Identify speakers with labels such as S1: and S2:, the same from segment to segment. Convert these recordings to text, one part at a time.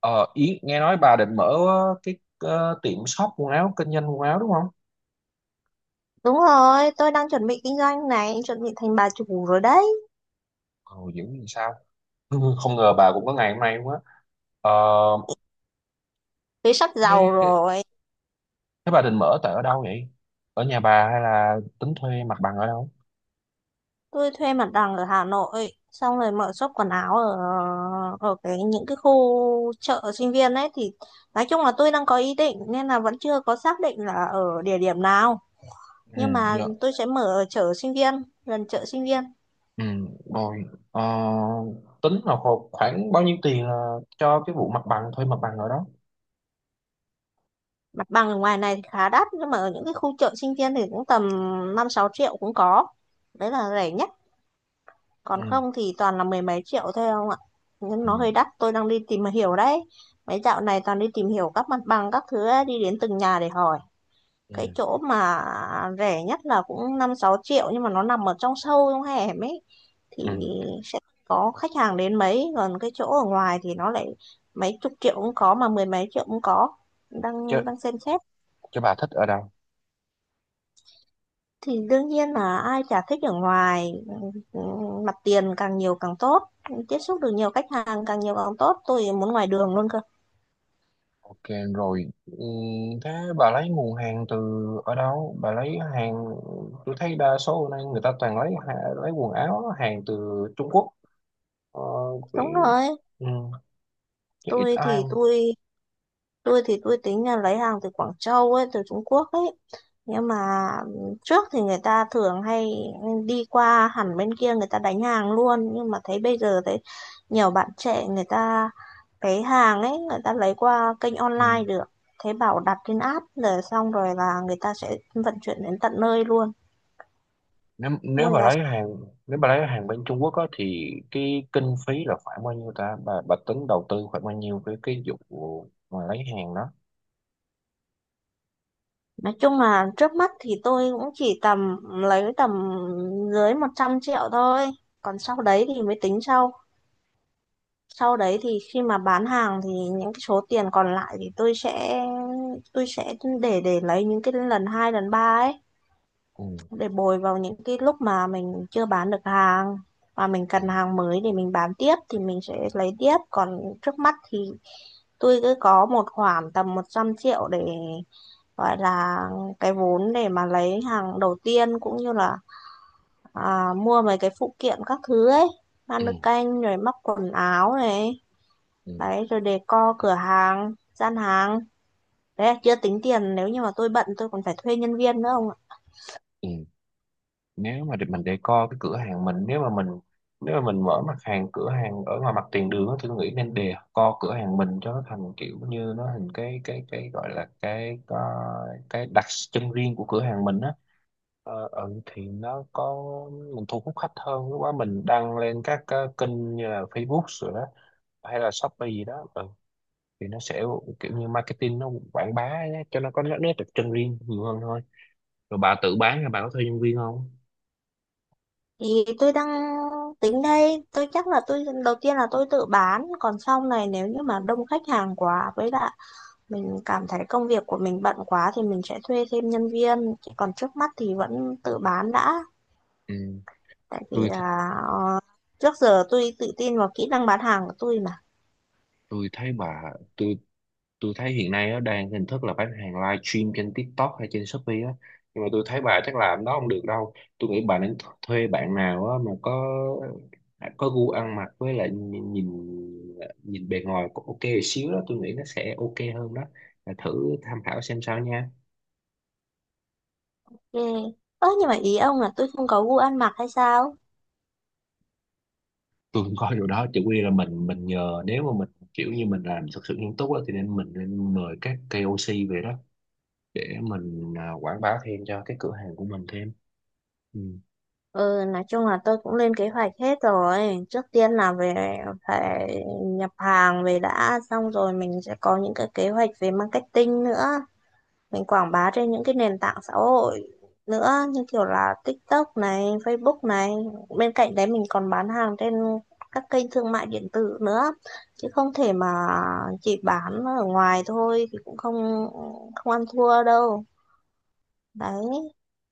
S1: Ờ, Yến nghe nói bà định mở tiệm shop quần áo kinh doanh quần áo đúng không?
S2: Đúng rồi, tôi đang chuẩn bị kinh doanh này, chuẩn bị thành bà chủ rồi đấy.
S1: Ồ dữ gì sao? Không ngờ bà cũng có ngày hôm nay luôn á. Ờ,
S2: Thế sắp giàu
S1: thế,
S2: rồi.
S1: thế bà định mở tại ở đâu vậy? Ở nhà bà hay là tính thuê mặt bằng ở đâu?
S2: Tôi thuê mặt bằng ở Hà Nội, xong rồi mở shop quần áo ở ở những cái khu chợ sinh viên ấy thì nói chung là tôi đang có ý định nên là vẫn chưa có xác định là ở địa điểm nào,
S1: Ừ,
S2: nhưng mà
S1: dạ.
S2: tôi sẽ mở ở chợ sinh viên, gần chợ sinh viên.
S1: Ừ, rồi. Ờ, tính là khoảng bao nhiêu tiền là cho cái vụ mặt bằng thuê mặt bằng ở đó?
S2: Mặt bằng ở ngoài này thì khá đắt nhưng mà ở những cái khu chợ sinh viên thì cũng tầm 5-6 triệu cũng có. Đấy là rẻ nhất.
S1: Ừ,
S2: Còn không thì toàn là mười mấy triệu thôi không ạ, nhưng
S1: ừ,
S2: nó hơi đắt. Tôi đang đi tìm hiểu đấy, mấy dạo này toàn đi tìm hiểu các mặt bằng các thứ ấy, đi đến từng nhà để hỏi cái
S1: ừ,
S2: chỗ mà rẻ nhất là cũng 5-6 triệu, nhưng mà nó nằm ở trong sâu trong hẻm ấy thì
S1: ừ.
S2: sẽ có khách hàng đến mấy, còn cái chỗ ở ngoài thì nó lại mấy chục triệu cũng có mà mười mấy triệu cũng có,
S1: Chứ,
S2: đang đang xem xét.
S1: chứ bà thích ở đâu?
S2: Thì đương nhiên là ai chả thích ở ngoài, ừ, mặt tiền càng nhiều càng tốt, tiếp xúc được nhiều khách hàng càng nhiều càng tốt, tôi muốn ngoài đường luôn cơ.
S1: Ok rồi. Ừ, thế bà lấy nguồn hàng từ ở đâu? Bà lấy hàng tôi thấy đa số hôm nay người ta toàn lấy lấy quần áo hàng từ Trung Quốc. Ờ,
S2: Đúng
S1: vì-
S2: rồi.
S1: ừ, chứ ít
S2: tôi
S1: ai.
S2: thì tôi tôi thì tôi tính là lấy hàng từ Quảng Châu ấy, từ Trung Quốc ấy, nhưng mà trước thì người ta thường hay đi qua hẳn bên kia người ta đánh hàng luôn, nhưng mà thấy bây giờ thấy nhiều bạn trẻ người ta cái hàng ấy người ta lấy qua kênh
S1: Ừ.
S2: online được, thế bảo đặt trên app rồi xong rồi là người ta sẽ vận chuyển đến tận nơi luôn,
S1: Nếu nếu
S2: mua
S1: bà
S2: giá.
S1: lấy hàng nếu bà lấy hàng bên Trung Quốc á, thì cái kinh phí là khoảng bao nhiêu ta? Bà tính đầu tư khoảng bao nhiêu cái vụ mà lấy hàng đó?
S2: Nói chung là trước mắt thì tôi cũng chỉ tầm lấy tầm dưới 100 triệu thôi, còn sau đấy thì mới tính sau. Sau đấy thì khi mà bán hàng thì những cái số tiền còn lại thì tôi sẽ để lấy những cái lần hai lần ba ấy
S1: Ừ.
S2: để bồi vào những cái lúc mà mình chưa bán được hàng và mình
S1: Ừ.
S2: cần hàng mới để mình bán tiếp thì mình sẽ lấy tiếp, còn trước mắt thì tôi cứ có một khoản tầm 100 triệu để gọi là cái vốn để mà lấy hàng đầu tiên cũng như là mua mấy cái phụ kiện các thứ ấy, ban
S1: Ừ.
S2: nước canh rồi móc quần áo này,
S1: Ừ.
S2: đấy rồi decor cửa hàng, gian hàng, đấy chưa tính tiền. Nếu như mà tôi bận tôi còn phải thuê nhân viên nữa ông ạ.
S1: Ừ. Nếu mà mình decor cái cửa hàng mình, nếu mà mình nếu mà mình mở mặt hàng cửa hàng ở ngoài mặt tiền đường á, thì tôi nghĩ nên decor cửa hàng mình cho nó thành kiểu như nó thành cái gọi là cái đặc trưng riêng của cửa hàng mình á. Thì nó có mình thu hút khách hơn, lúc đó mình đăng lên các kênh như là Facebook rồi đó hay là Shopee gì đó, ừ. Thì nó sẽ kiểu như marketing nó quảng bá ấy, cho nó có nét nét đặc trưng riêng nhiều hơn thôi. Rồi bà tự bán hay bà có thuê nhân viên không?
S2: Thì tôi đang tính đây, tôi chắc là tôi đầu tiên là tôi tự bán, còn sau này nếu như mà đông khách hàng quá với lại mình cảm thấy công việc của mình bận quá thì mình sẽ thuê thêm nhân viên. Chứ còn trước mắt thì vẫn tự bán đã,
S1: Ừ.
S2: tại vì
S1: tôi
S2: là trước giờ tôi tự tin vào kỹ năng bán hàng của tôi mà.
S1: tôi thấy mà tôi tôi thấy hiện nay nó đang hình thức là bán hàng live stream trên TikTok hay trên Shopee á, nhưng mà tôi thấy bà chắc làm đó không được đâu. Tôi nghĩ bà nên thuê bạn nào á mà có gu ăn mặc, với lại nhìn nhìn, nhìn bề ngoài cũng ok một xíu đó, tôi nghĩ nó sẽ ok hơn đó. Bà thử tham khảo xem sao nha.
S2: Yeah. Ơ nhưng mà ý ông là tôi không có gu ăn mặc hay sao?
S1: Tôi cũng coi điều đó chỉ quy là mình nhờ, nếu mà mình kiểu như mình làm thật sự nghiêm túc á, thì nên mình nên mời các KOC về đó để mình quảng bá thêm cho cái cửa hàng của mình thêm. Ừ.
S2: Ừ, nói chung là tôi cũng lên kế hoạch hết rồi. Trước tiên là về phải nhập hàng về đã, xong rồi mình sẽ có những cái kế hoạch về marketing nữa. Mình quảng bá trên những cái nền tảng xã hội nữa, như kiểu là TikTok này, Facebook này. Bên cạnh đấy mình còn bán hàng trên các kênh thương mại điện tử nữa. Chứ không thể mà chỉ bán ở ngoài thôi thì cũng không không ăn thua đâu. Đấy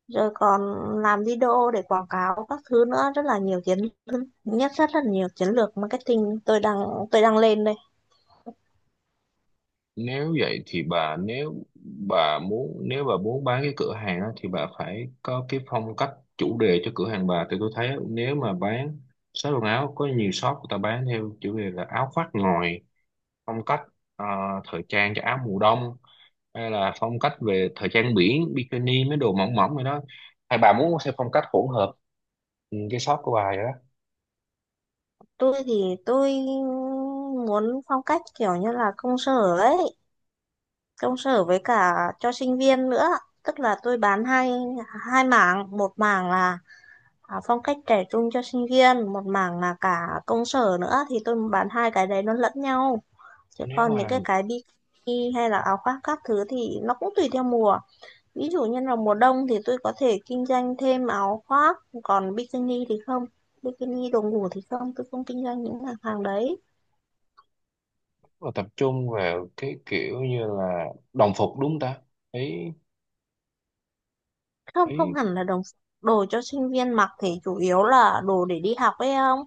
S2: rồi còn làm video để quảng cáo các thứ nữa, rất là nhiều chiến nhất, rất là nhiều chiến lược marketing tôi đang lên đây.
S1: Nếu vậy thì bà, nếu bà muốn bán cái cửa hàng á, thì bà phải có cái phong cách chủ đề cho cửa hàng bà. Thì tôi thấy nếu mà bán shop quần áo, có nhiều shop người ta bán theo chủ đề là áo khoác ngồi phong cách, à, thời trang cho áo mùa đông, hay là phong cách về thời trang biển bikini mấy đồ mỏng mỏng rồi đó, hay bà muốn theo phong cách hỗn hợp ừ, cái shop của bà vậy đó.
S2: Tôi thì tôi muốn phong cách kiểu như là công sở ấy, công sở với cả cho sinh viên nữa, tức là tôi bán hai hai mảng. Một mảng là phong cách trẻ trung cho sinh viên, một mảng là cả công sở nữa, thì tôi bán hai cái đấy nó lẫn nhau. Chứ
S1: Nếu
S2: còn
S1: mà
S2: những
S1: là
S2: cái bikini hay là áo khoác các thứ thì nó cũng tùy theo mùa. Ví dụ như là mùa đông thì tôi có thể kinh doanh thêm áo khoác, còn bikini thì không. Bikini đồ ngủ thì không, tôi không kinh doanh những mặt hàng đấy.
S1: mà tập trung vào cái kiểu như là đồng phục đúng không ta? Thấy
S2: Không,
S1: thấy
S2: không hẳn là đồ đồ cho sinh viên mặc thì chủ yếu là đồ để đi học ấy không?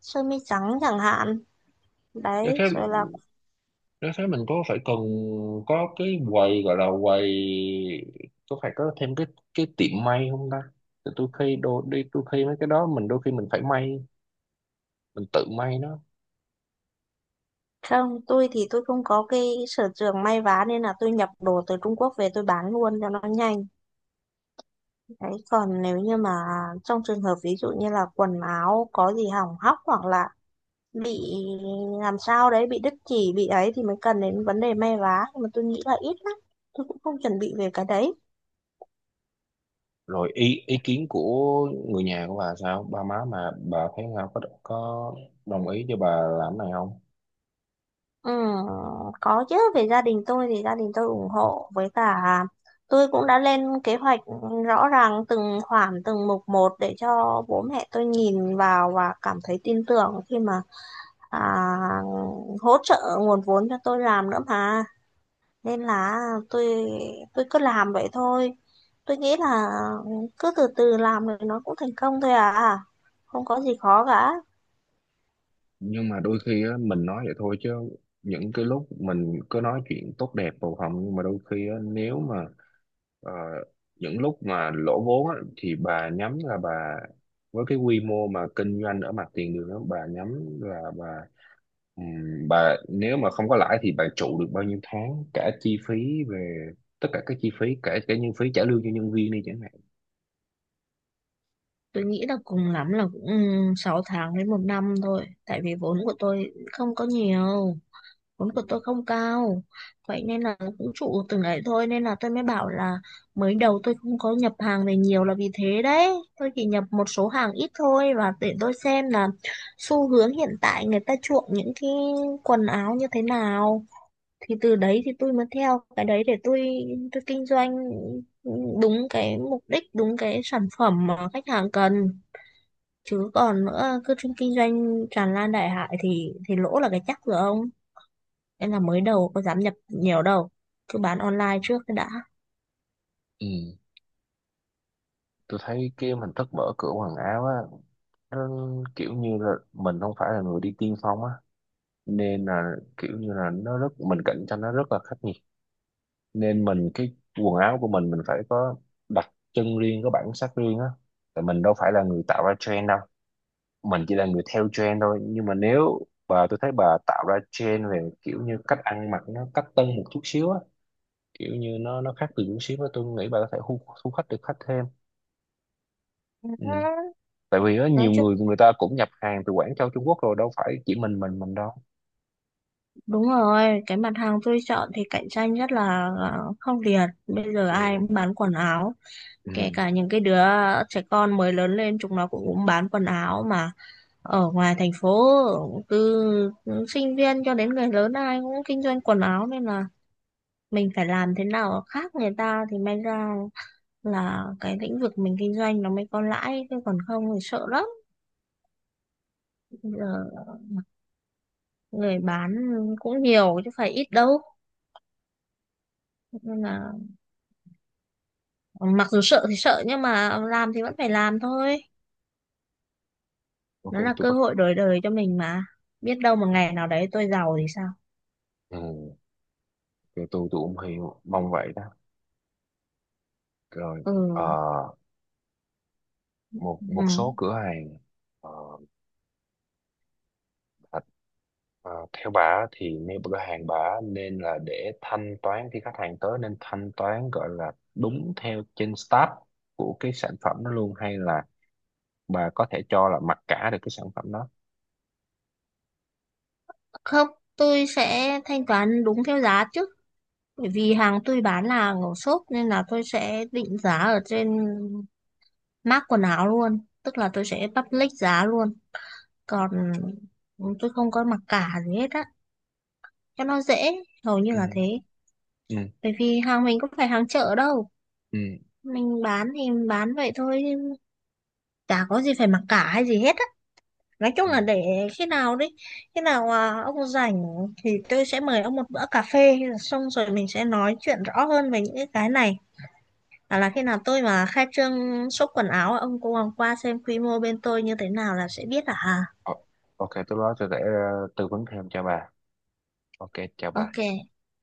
S2: Sơ mi trắng chẳng hạn. Đấy,
S1: nếu thế
S2: rồi là
S1: nếu thế mình có phải cần có cái quầy gọi là quầy, có phải có thêm cái tiệm may không ta? Thì tôi khi đôi đi tôi khi mấy cái đó mình đôi khi mình phải may, mình tự may nó.
S2: không, tôi thì tôi không có cái sở trường may vá nên là tôi nhập đồ từ Trung Quốc về tôi bán luôn cho nó nhanh. Đấy, còn nếu như mà trong trường hợp ví dụ như là quần áo có gì hỏng hóc hoặc là bị làm sao đấy, bị đứt chỉ bị ấy thì mới cần đến vấn đề may vá, nhưng mà tôi nghĩ là ít lắm, tôi cũng không chuẩn bị về cái đấy.
S1: Rồi ý ý kiến của người nhà của bà sao, ba má mà bà thấy sao, có đồng ý cho bà làm cái này không?
S2: Ừ, có chứ, về gia đình tôi thì gia đình tôi ủng hộ, với cả tôi cũng đã lên kế hoạch rõ ràng từng khoản từng mục một để cho bố mẹ tôi nhìn vào và cảm thấy tin tưởng khi mà à, hỗ trợ nguồn vốn cho tôi làm nữa mà, nên là tôi tôi cứ làm vậy thôi, tôi nghĩ là cứ từ từ làm rồi nó cũng thành công thôi à, không có gì khó cả.
S1: Nhưng mà đôi khi á, mình nói vậy thôi chứ những cái lúc mình cứ nói chuyện tốt đẹp bầu hồng, nhưng mà đôi khi á, nếu mà ờ, những lúc mà lỗ vốn á, thì bà nhắm là bà với cái quy mô mà kinh doanh ở mặt tiền đường á, bà nhắm là bà nếu mà không có lãi thì bà trụ được bao nhiêu tháng cả chi phí về tất cả các chi phí cả cả nhân phí trả lương cho nhân viên đi chẳng hạn.
S2: Tôi nghĩ là cùng lắm là cũng 6 tháng đến một năm thôi, tại vì vốn của tôi không có nhiều. Vốn của tôi không cao, vậy nên là cũng trụ từng ấy thôi, nên là tôi mới bảo là mới đầu tôi không có nhập hàng về nhiều là vì thế đấy. Tôi chỉ nhập một số hàng ít thôi và để tôi xem là xu hướng hiện tại người ta chuộng những cái quần áo như thế nào, thì từ đấy thì tôi mới theo cái đấy để tôi kinh doanh đúng cái mục đích, đúng cái sản phẩm mà khách hàng cần. Chứ còn nữa cứ kinh doanh tràn lan đại hải thì lỗ là cái chắc rồi ông. Nên là mới đầu có dám nhập nhiều đâu, cứ bán online trước cái đã.
S1: Ừ. Tôi thấy cái hình thức mở cửa quần áo á, nó kiểu như là mình không phải là người đi tiên phong á, nên là kiểu như là nó rất mình cạnh tranh nó rất là khắc nghiệt, nên mình cái quần áo của mình phải có đặc trưng riêng, có bản sắc riêng á, tại mình đâu phải là người tạo ra trend đâu, mình chỉ là người theo trend thôi. Nhưng mà nếu bà tôi thấy bà tạo ra trend về kiểu như cách ăn mặc nó cách tân một chút xíu á, kiểu như nó khác từ chút xíu á, tôi nghĩ bà có thể thu thu khách được khách thêm. Ừ. Tại vì á
S2: Nói
S1: nhiều
S2: chung
S1: người người ta cũng nhập hàng từ Quảng Châu Trung Quốc, rồi đâu phải chỉ mình đâu.
S2: đúng rồi, cái mặt hàng tôi chọn thì cạnh tranh rất là khốc liệt. Bây giờ ai
S1: Ừ.
S2: cũng bán quần áo, kể
S1: Ừ.
S2: cả những cái đứa trẻ con mới lớn lên chúng nó cũng bán quần áo mà. Ở ngoài thành phố, từ sinh viên cho đến người lớn ai cũng kinh doanh quần áo, nên là mình phải làm thế nào khác người ta thì may ra là cái lĩnh vực mình kinh doanh nó mới có lãi, chứ còn không thì sợ lắm. Giờ người bán cũng nhiều chứ phải ít đâu, nên là mặc dù sợ thì sợ nhưng mà làm thì vẫn phải làm thôi,
S1: Ok
S2: nó là
S1: tôi
S2: cơ
S1: bắt
S2: hội đổi đời cho mình mà, biết đâu một ngày nào đấy tôi giàu thì sao.
S1: ừ. Rồi tôi cũng hiểu mong vậy đó. Rồi, ờ,
S2: Ừ,
S1: một một
S2: ừ.
S1: số cửa hàng ờ, bà- theo bà á thì nếu cửa hàng bà á nên là để thanh toán khi khách hàng tới nên thanh toán gọi là đúng theo trên start của cái sản phẩm đó luôn, hay là bà có thể cho là mặc cả được cái sản phẩm đó?
S2: Không, tôi sẽ thanh toán đúng theo giá chứ, bởi vì hàng tôi bán là hàng ở shop nên là tôi sẽ định giá ở trên mác quần áo luôn, tức là tôi sẽ public giá luôn. Còn tôi không có mặc cả gì hết á, cho nó dễ, hầu như
S1: Ừ,
S2: là thế.
S1: ừ,
S2: Bởi vì hàng mình cũng phải hàng chợ đâu,
S1: ừ,
S2: mình bán thì bán vậy thôi, chả có gì phải mặc cả hay gì hết á. Nói chung
S1: ừ.
S2: là để khi nào đấy, khi nào ông rảnh thì tôi sẽ mời ông một bữa cà phê, xong rồi mình sẽ nói chuyện rõ hơn về những cái này, hoặc là khi nào tôi mà khai trương shop quần áo ông cũng qua xem quy mô bên tôi như thế nào là sẽ biết à.
S1: Ờ, ok tôi đó sẽ để tư vấn thêm cho bà. Ok, chào bà.
S2: Ok.